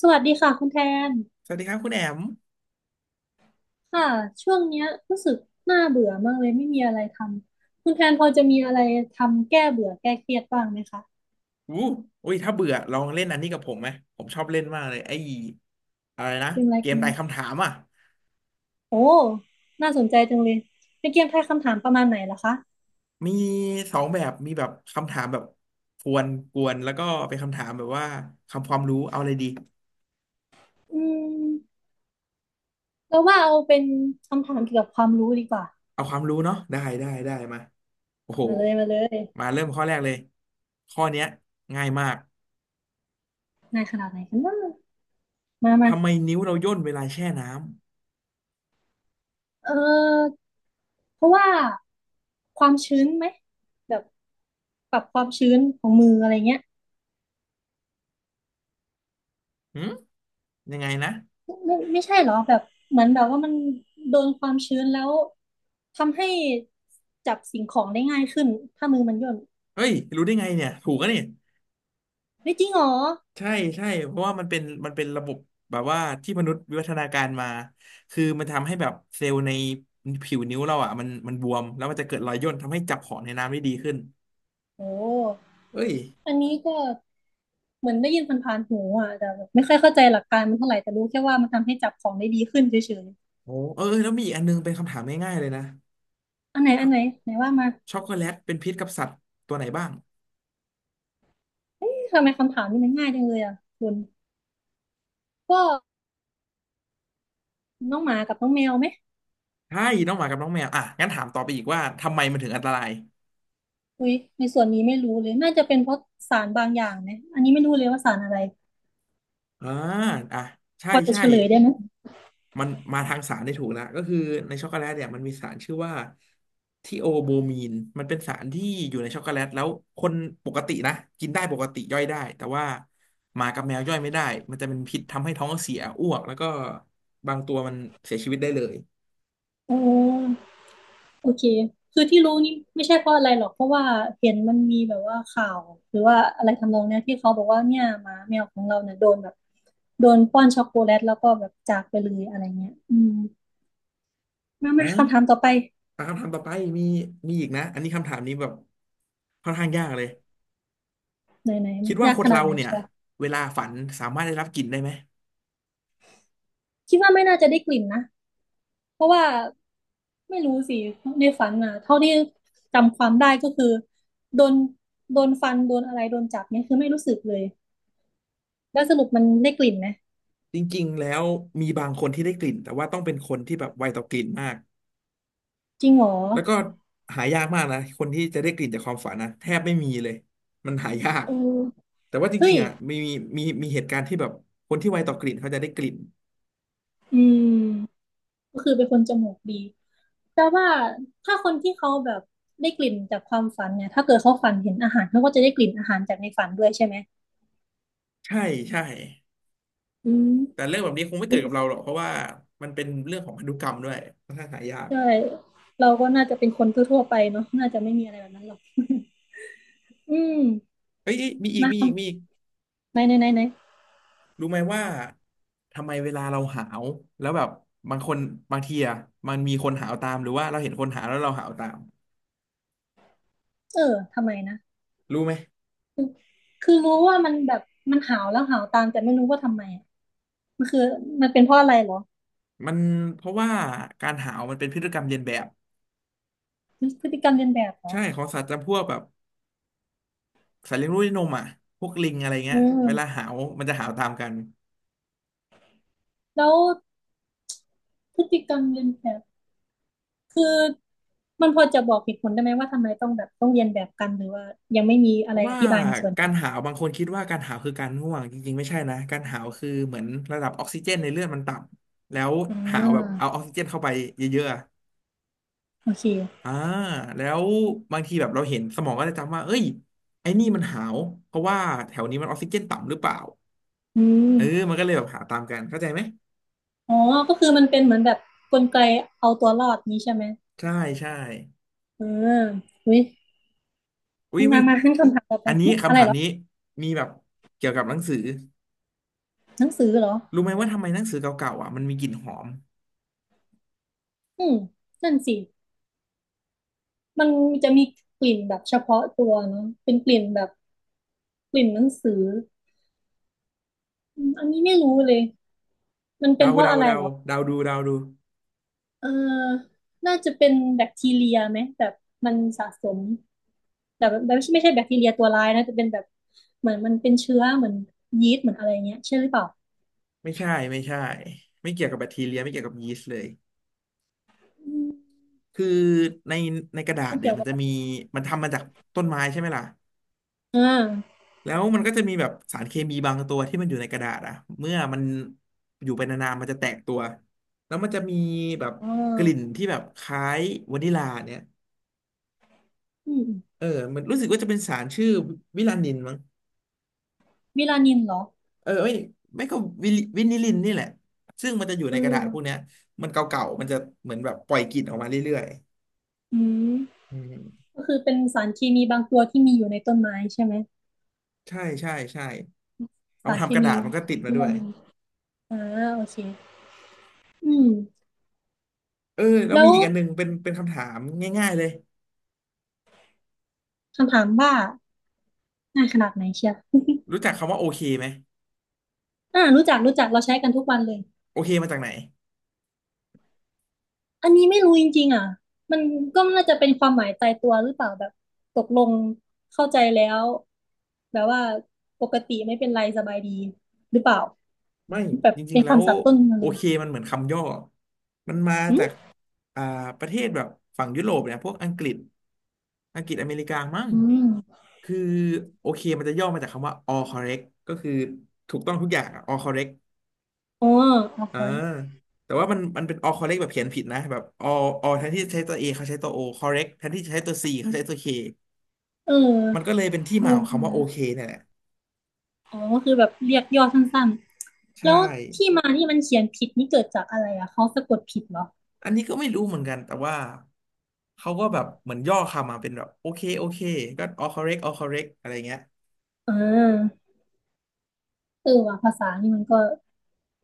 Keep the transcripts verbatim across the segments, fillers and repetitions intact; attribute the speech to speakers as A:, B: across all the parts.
A: สวัสดีค่ะคุณแทน
B: สวัสดีครับคุณแอม
A: ค่ะช่วงเนี้ยรู้สึกน่าเบื่อมากเลยไม่มีอะไรทำคุณแทนพอจะมีอะไรทำแก้เบื่อแก้เครียดบ้างไหมคะ
B: อู้อุ้ยถ้าเบื่อลองเล่นอันนี้กับผมไหมผมชอบเล่นมากเลยไอ้อะไรนะ
A: เป็นอะไร
B: เกม
A: กัน
B: ทา
A: บ้า
B: ย
A: ง
B: คำถามอ่ะ
A: โอ้น่าสนใจจังเลยเป็นเกมทายคำถามประมาณไหนล่ะคะ
B: มีสองแบบมีแบบคำถามแบบกวนกวนแล้วก็เป็นคำถามแบบว่าคำความรู้เอาอะไรดี
A: อืมเราว่าเอาเป็นคำถามเกี่ยวกับความรู้ดีกว่า
B: เอาความรู้เนาะได้ได้ได้มาโอ้โห
A: มาเลยมาเลย
B: มาเริ่มข้อแรกเลยข้อเนี้ยง่ายมาก
A: นายขนาดไหนกันบ้างมามา
B: ทำไมนิ้วเราย่นเวลาแช่น้
A: เออเพราะว่าความชื้นไหมแบบปรับความชื้นของมืออะไรเงี้ย
B: ำหืมยังไงนะ
A: ไม่ไม่ใช่เหรอแบบเหมือนแบบว่ามันโดนความชื้นแล้วทำให้จับสิ่งของได้ง่ายขึ้นถ้ามือมันย่น
B: เฮ้ยรู้ได้ไงเนี่ยถูกอะนี่
A: เฮ้ยจริงเหรอ
B: ใช่ใช่เพราะว่ามันเป็นมันเป็นระบบแบบว่าที่มนุษย์วิวัฒนาการมาคือมันทำให้แบบเซลล์ในผิวนิ้วเราอ่ะมันมันบวมแล้วมันจะเกิดรอยย่นทำให้จับของในน้ำได้ดีขึ้น
A: โอ้
B: เอ้ย
A: อันนี้ก็เหมือนได้ยินผ่านๆหูอ่ะแต่แบบไม่ค่อยเข้าใจหลักการมันเท่าไหร่แต่รู้แค่ว่ามันทำให้จับของได้ดีขึ้นเฉย
B: โอ้เออเออแล้วมีอีกอันนึงเป็นคำถามง่ายๆเลยนะ
A: ๆอันไหนอั
B: ช็อ
A: น
B: ก
A: ไหนไหนว่ามา
B: ช็อกโกแลตเป็นพิษกับสัตว์ตัวไหนบ้าง
A: ทำไมคำถามนี้มันง่ายจังเลยอ่ะคุณก็น้องหมากับน้องแมวไหม
B: ใช่น้องหมากับน้องแมวอ่ะงั้นถามต่อไปอีกว่าทำไมมันถึงอันตราย
A: อุ้ยในส่วนนี้ไม่รู้เลยน่าจะเป็นเพราะสารบางอย่างไหมอันนี้ไม่รู้เลยว่าสารอะไร
B: อ่าอ่ะใช่
A: พอจะ
B: ใช่
A: เฉลยได้ไหม
B: มันมาทางสารได้ถูกแล้วก็คือในช็อกโกแลตเนี่ยมันมีสารชื่อว่าทีโอโบมีนมันเป็นสารที่อยู่ในช็อกโกแลตแล้วคนปกตินะกินได้ปกติย่อยได้แต่ว่าหมากับแมวย่อยไม่ได้มันจะเป็นพิษทำให้ท้องเสียอ้วกแล้วก็บางตัวมันเสียชีวิตได้เลย
A: โอ้ โอเคคือที่รู้นี่ไม่ใช่เพราะอะไรหรอกเพราะว่าเห็นมันมีแบบว่าข่าวหรือว่าอะไรทำนองเนี้ยที่เขาบอกว่าเนี่ยหมาแมวของเราเนี่ยโดนแบบโดนป้อนช็อกโกแลตแล้วก็แบบจากไปเลยอะไรเงี้ยอืมมามาคำถาม
B: อ่ะ
A: ต่อไป
B: อ่ะคำถามต่อไปมีมีอีกนะอันนี้คำถามนี้แบบค่อนข้างยากเลย
A: ไหนไหน
B: คิดว่า
A: ยาก
B: คน
A: ขนา
B: เรา
A: ดไหน
B: เนี่ย
A: เชียว
B: เวลาฝันสามารถได้รับกลิ่นได้ไหม
A: คิดว่าไม่น่าจะได้กลิ่นนะเพราะว่าไม่รู้สิในฝันอ่ะเท่าที่จำความได้ก็คือโดนโดนฟันโดนอะไรโดนจับเนี่ยคือไม่รู้สึกเลยแล้วสรุปมันได้กลิ่นไหม
B: จริงๆแล้วมีบางคนที่ได้กลิ่นแต่ว่าต้องเป็นคนที่แบบไวต่อกลิ่นมาก
A: จริงเหรอ
B: แล้วก็หายากมากนะคนที่จะได้กลิ่นจากความฝันนะแทบไม่มีเลยมันหายาก
A: เอื
B: แต่ว่าจริ
A: เฮ้
B: ง
A: ย
B: ๆอ่ะมีมีมีมีเหตุการณ์ที่แบบคนที่ไวต่อกลิ่นเขาจะได้กลิ่น
A: อืมก็คือเป็นคนจมูกดีแต่ว่าถ้าคนที่เขาแบบได้กลิ่นจากความฝันเนี่ยถ้าเกิดเขาฝันเห็นอาหารเขาก็จะได้กลิ่นอาหารจากในฝันด้วยใช่ไหม
B: ใช่ใช่
A: อื
B: แต่
A: ม
B: เรื่องแบบนี้คงไม่เกิดกับเราหรอกเพราะว่ามันเป็นเรื่องของพันธุกรรมด้วยค่อนข้างหายาก
A: ใช่เราก็น่าจะเป็นคนทั่วๆไปเนาะน่าจะไม่มีอะไรแบบนั้นหรอก อืม
B: เอ้ยเอ้ยมีอีก
A: มา
B: มีอีกมีอีก
A: ไหนไหนไหนไหน
B: รู้ไหมว่าทำไมเวลาเราหาวแล้วแบบบางคนบางทีอ่ะมันมีคนหาวตามหรือว่าเราเห็นคนหาวแล้วเราหาวตาม
A: เออทำไมนะ
B: รู้ไหม
A: คือรู้ว่ามันแบบมันหาวแล้วหาวตามแต่ไม่รู้ว่าทำไมอะมันคือมันเป็นเพราะอะไรเหรอ
B: มันเพราะว่าการหาวมันเป็นพฤติกรรมเลียนแบบ
A: มันพฤติกรรมเลียนแบบเหรอ
B: ใช่ของสัตว์จำพวกแบบสัตว์เลี้ยงลูกด้วยนมอ่ะพวกลิงอะไร
A: เ
B: เงี้ยเวลา
A: ออ
B: หาวมันจะหาวตามกัน
A: แล้วพฤติกรรมเลียนแบบ คือมันพอจะบอกเหตุผลได้ไหมว่าทำไมต้องแบบต้องเรียนแบบกันหรือว่ายังไม่มี
B: เพ
A: อะไร
B: ราะ
A: อ
B: ว่า
A: ธิบายในส่วน
B: การ
A: นี้
B: หาวบางคนคิดว่าการหาวคือการง่วงจริงๆไม่ใช่นะการหาวคือเหมือนระดับออกซิเจนในเลือดมันต่ำแล้ว
A: อ่
B: หาวแบบ
A: า
B: เอาออกซิเจนเข้าไปเยอะๆอะ
A: โอเค
B: อ่าแล้วบางทีแบบเราเห็นสมองก็จะจำว่าเอ้ยไอ้นี่มันหาวเพราะว่าแถวนี้มันออกซิเจนต่ำหรือเปล่า
A: อืม
B: เออมันก็เลยแบบหาวตามกันเข้าใจไหม
A: อ๋อก็คือมันเป็นเหมือนแบบกลไกเอาตัวรอดนี้ใช่ไหม
B: ใช่ใช่
A: เอออุ้ย
B: วิวิอ
A: มา
B: ย
A: มาขึ้นคำถามต่อไป
B: อันนี้
A: หึอะ
B: คำ
A: ไร
B: ถาม
A: เหรอ
B: นี้มีแบบเกี่ยวกับหนังสือ
A: หนังสือเหรอ
B: รู้ไหมว่าทำไมหนังสือเก่าๆอ่ะมันมีกลิ่นหอม
A: อืมนั่นสิมันจะมีกลิ่นแบบเฉพาะตัวเนาะเป็นกลิ่นแบบกลิ่นหนังสืออืมอันนี้ไม่รู้เลยมันเป็น
B: เดา
A: เพราะ
B: เดา
A: อะไร
B: เดา
A: เหรอ
B: เดาดูเดาดู
A: เออน่าจะเป็นแบคทีเรียไหมแบบมันสะสม แต่แบบไม่ใช่ไม่ใช่แบคทีเรียตัวร้ายนะจะเป็นแบบเหมือนมันเป็นเชื้อเหมือนยีสต์เหมือนอะไรเงี้ยใช่หรือเปล่า
B: ไม่ใช่ไม่ใช่ไม่เกี่ยวกับแบคทีเรียไม่เกี่ยวกับยีสต์เลย
A: อืม
B: คือในในกระดาษเนี่
A: เกี่
B: ย
A: ยว
B: มัน
A: กับ
B: จะมีมันทำมาจากต้นไม้ใช่ไหมล่ะ
A: อ่า
B: แล้วมันก็จะมีแบบสารเคมีบางตัวที่มันอยู่ในกระดาษอ่ะเมื่อมันอยู่ไปนานๆมันจะแตกตัวแล้วมันจะมีแบบ
A: อ่
B: กลิ่น
A: า
B: ที่แบบคล้ายวานิลลาเนี่ย
A: อืม
B: เออมันรู้สึกว่าจะเป็นสารชื่อวิลานินมั้ง
A: วิลานินเหรอ
B: เออไม่ไม่ก็วิลิวินิลินนี่แหละซึ่งมันจะอยู่
A: เอ
B: ในกระดาษ
A: อ
B: พวกเนี้ยมันเก่าๆมันจะเหมือนแบบปล่อยกลิ่นออกมาเรื่อย
A: อืม
B: ๆอืม
A: ก็คือเป็นสารเคมีบางตัวที่มีอยู่ในต้นไม้ใช่ไหม
B: ใช่ใช่ใช่เอา
A: สา
B: มา
A: รเค
B: ทำกระดา
A: มี
B: ษมันก็ติดมา
A: วิ
B: ด้ว
A: ลา
B: ย
A: นินอ่าโอเคอืม
B: เออแล้ว
A: แล้
B: มี
A: ว
B: อีกอันหนึ่งเป็นเป็นคำถามง่ายๆเลย
A: คำถามว่าง่ายขนาดไหนเชียว
B: รู้จักคำว่าโอเคไหม
A: อ่ารู้จักรู้จักเราใช้กันทุกวันเลย
B: โอเคมาจากไหน
A: อันนี้ไม่รู้จริงๆอ่ะมันก็น่าจะเป็นความหมายตายตัวหรือเปล่าแบบตกลงเข้าใจแล้วแบบว่าปกติไม่เป็นไรสบายดีหรือเปล่า
B: ไม่
A: แบบ
B: จริ
A: เป็
B: ง
A: น
B: ๆแล้ว
A: คำศัพท์ต้นมา
B: โอ
A: เลย
B: เคมันเหมือนคำย่อมันมา
A: อื
B: จา
A: ม
B: กอ่าประเทศแบบฝั่งยุโรปเนี่ยพวกอังกฤษอังกฤษอเมริกามั่ง
A: อืม
B: คือโอเคมันจะย่อมาจากคำว่า all correct ก็คือถูกต้องทุกอย่างอะ all correct
A: อ๋อเอา
B: อ่าแต่ว่ามันมันเป็น all correct แบบเขียนผิดนะแบบ all all แทนที่จะใช้ตัว A เขาใช้ตัว O correct แทนที่จะใช้ตัว C เขาใช้ตัว K
A: เออ
B: มันก็เลยเป็นที่
A: เ
B: มาของคำว่าโอ
A: ออ
B: เคเนี่ยแหละ
A: อ๋อก็คือแบบเรียกย่อสั้นๆ
B: ใช่
A: แล้วที่มาที่มันเขียนผิดนี่เกิดจากอะไรอ่ะเขาสะกดผิดเหรอ
B: อันนี้ก็ไม่รู้เหมือนกันแต่ว่า เขาก็แบบเหมือนย่อคำมาเป็นแบบโอเคโอเคก็ all correct all correct อะไรเงี้ย
A: อ่าเออว่ะภาษานี่มันก็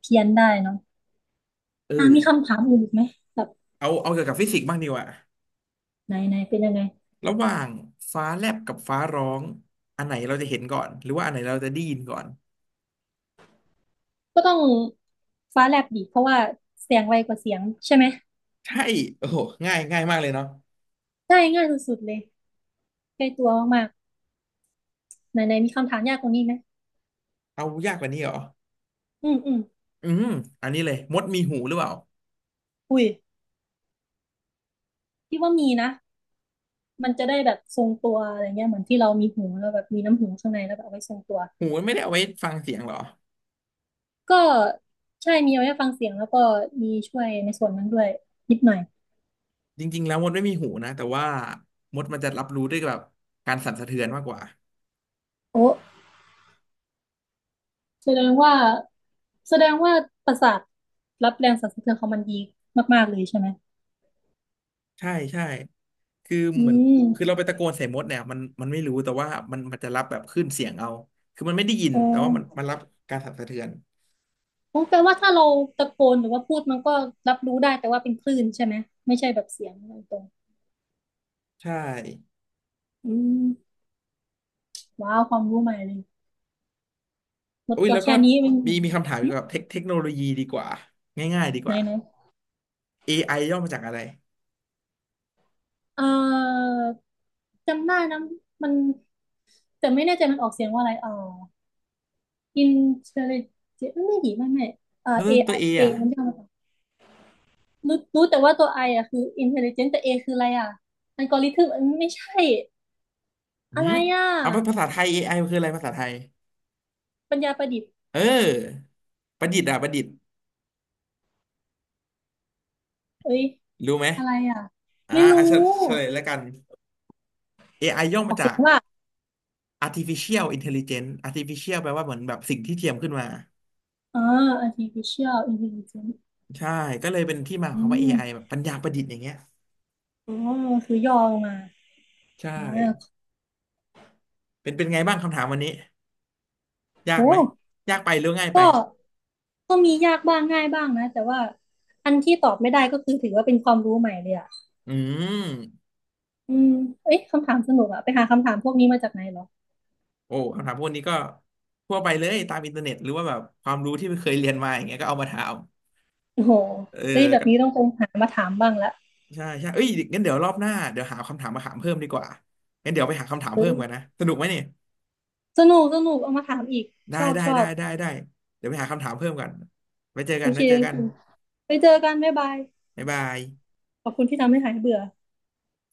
A: เพี้ยนได้เนาะ
B: เอ
A: อ่ามี
B: อ
A: คำถามอื่นอีกไหมแบบ
B: เอาเอาเกี่ยวกับฟิสิกส์บ้างดีกว่า
A: ไหนไหนเป็นยังไง
B: ระหว่างฟ้าแลบกับฟ้าร้องอันไหนเราจะเห็นก่อนหรือว่าอันไหนเราจะได้ยินก่อน
A: ก็ต้องฟ้าแลบดิเพราะว่าเสียงไวกว่าเสียงใช่ไหม
B: ใช่โอ้โหง่ายง่ายมากเลยเนาะ
A: ได้ง่ายสุดๆเลยใกล้ตัวมากๆไหนๆมีคำถามยากกว่านี้ไหม
B: เอายากกว่านี้เหรอ
A: อืมอืม
B: อืมอันนี้เลยมดมีหูหรือเปล่า
A: อุ้ยพี่ว่ามีนะมันจะได้แบบทรงตัวอะไรเงี้ยเหมือนที่เรามีหูแล้วแบบมีน้ำหูข้างในแล้วแบบเอาไว้ทรงตัว
B: หูมันไม่ได้เอาไว้ฟังเสียงหรอ
A: ก็ใช่มีเอาไว้ฟังเสียงแล้วก็มีช่วยในส่วนนั้นด้วยนิดหน่อย
B: จริงๆแล้วมดไม่มีหูนะแต่ว่ามดมันจะรับรู้ด้วยแบบการสั่นสะเทือนมากกว่า
A: โอ้แสดงว่าแสดงว่าประสาทรับแรงสั่นสะเทือนของมันดีมากๆเลยใช่ไหม
B: ใช่ใช่คือ
A: อื
B: เหมือนคือ
A: ม
B: เราไปตะโกนใส่มดเนี่ยมันมันไม่รู้แต่ว่ามันมันจะรับแบบขึ้นเสียงเอาคือมันไม่ได้ยิน
A: โอ้
B: แต่ว่ามันมันรับการสั่นสะเทือน
A: โอ้แปลว่าถ้าเราตะโกนหรือว่าพูดมันก็รับรู้ได้แต่ว่าเป็นคลื่นใช่ไหมไม่ใช่แบบเสียงอะไรตรง
B: ใช่
A: อืมว้าวความรู้ใหม่เลยหมด
B: โอ้ย
A: ตัว
B: แล้วก็
A: แค่นี้ไม่มี
B: มี
A: ไหน
B: มีคำถามเกี่ยวกับเทคเทคโนโลยีดีกว่าง่ายๆดีก
A: ไห
B: ว่า
A: น
B: เอ ไอ ย่อมาจากอะไร
A: เอ่อจำได้นะมันแต่ไม่แน่ใจมันออกเสียงว่าอะไรเอ่อ intelligent ไม่ดีไม่ไม่เอ่อ
B: แล้ว
A: เอ
B: ตัว A
A: เอ
B: อ่ะ
A: มันเรียกว่าอะไรรู้รู้แต่ว่าตัว I ออ่ะคือ intelligent แต่ A คืออะไรอ่ะอัลกอริทึมไม่ใช่อะ
B: หื
A: ไร
B: ม
A: อ่ะ
B: เอาภาษาไทย เอ ไอ มันคืออะไรภาษาไทย
A: ปัญญาประดิษฐ์
B: เออประดิษฐ์อ่ะประดิษฐ์
A: เอ้ย
B: รู้ไหม
A: อะไรอ่ะ
B: อ่า
A: ไม่รู้
B: อ่ะเฉเฉลยแล้วกัน เอ ไอ ย่อ
A: อ
B: มา
A: อก
B: จา
A: เสียง
B: ก
A: ว่า
B: artificial intelligence artificial แปลว่าเหมือนแบบสิ่งที่เทียมขึ้นมา
A: อ่า artificial intelligence
B: ใช่ก็เลยเป็นที่มาของ
A: อื
B: คำว่าเอไอแบ
A: ม
B: บปัญญาประดิษฐ์อย่างเงี้ย
A: อ๋อคือย่อลงมา
B: ใช่
A: อ่า
B: เป็นเป็นไงบ้างคำถามวันนี้ยาก
A: โอ้
B: ไหมยากไปหรือง่ายไป
A: ก็ก็มียากบ้างง่ายบ้างนะ แต่ว่าอันที่ตอบไม่ได้ก็คือถือว่าเป็นความรู้ใหม่เลยอ่ะ
B: อืม
A: อืมเอ้ยคำถามสนุกอ่ะ ไปหาคำถามพวกนี้มาจากไหนเหรอ
B: โอ้คำถามพวกนี้ก็ทั่วไปเลยตามอินเทอร์เน็ตหรือว่าแบบความรู้ที่เคยเรียนมาอย่างเงี้ยก็เอามาถาม
A: โอ้โห
B: เออ
A: เฮ้ยแบบ
B: ก็
A: นี้ต้องไปหามาถามบ้างละ
B: ใช่ใช่เอ้ยงั้นเดี๋ยวรอบหน้าเดี๋ยวหาคำถามมาถามเพิ่มดีกว่างั้นเดี๋ยวไปหาคำถามเพิ่มกัน
A: เออ
B: นะสนุกไหมเนี่ย
A: สนุกสนุกเอามาถามอีก
B: ได้
A: ชอบ
B: ได้
A: ชอ
B: ได้
A: บ
B: ได้ได้เดี๋ยวไปหาคำถามเพิ่มกันไว้เจอ
A: โอ
B: กัน
A: เค
B: ไว้เจอ
A: โอ
B: กั
A: เค
B: น
A: ไปเจอกันบ๊ายบาย
B: บ๊ายบาย
A: ขอบคุณที่ทำให้หายเบื่อ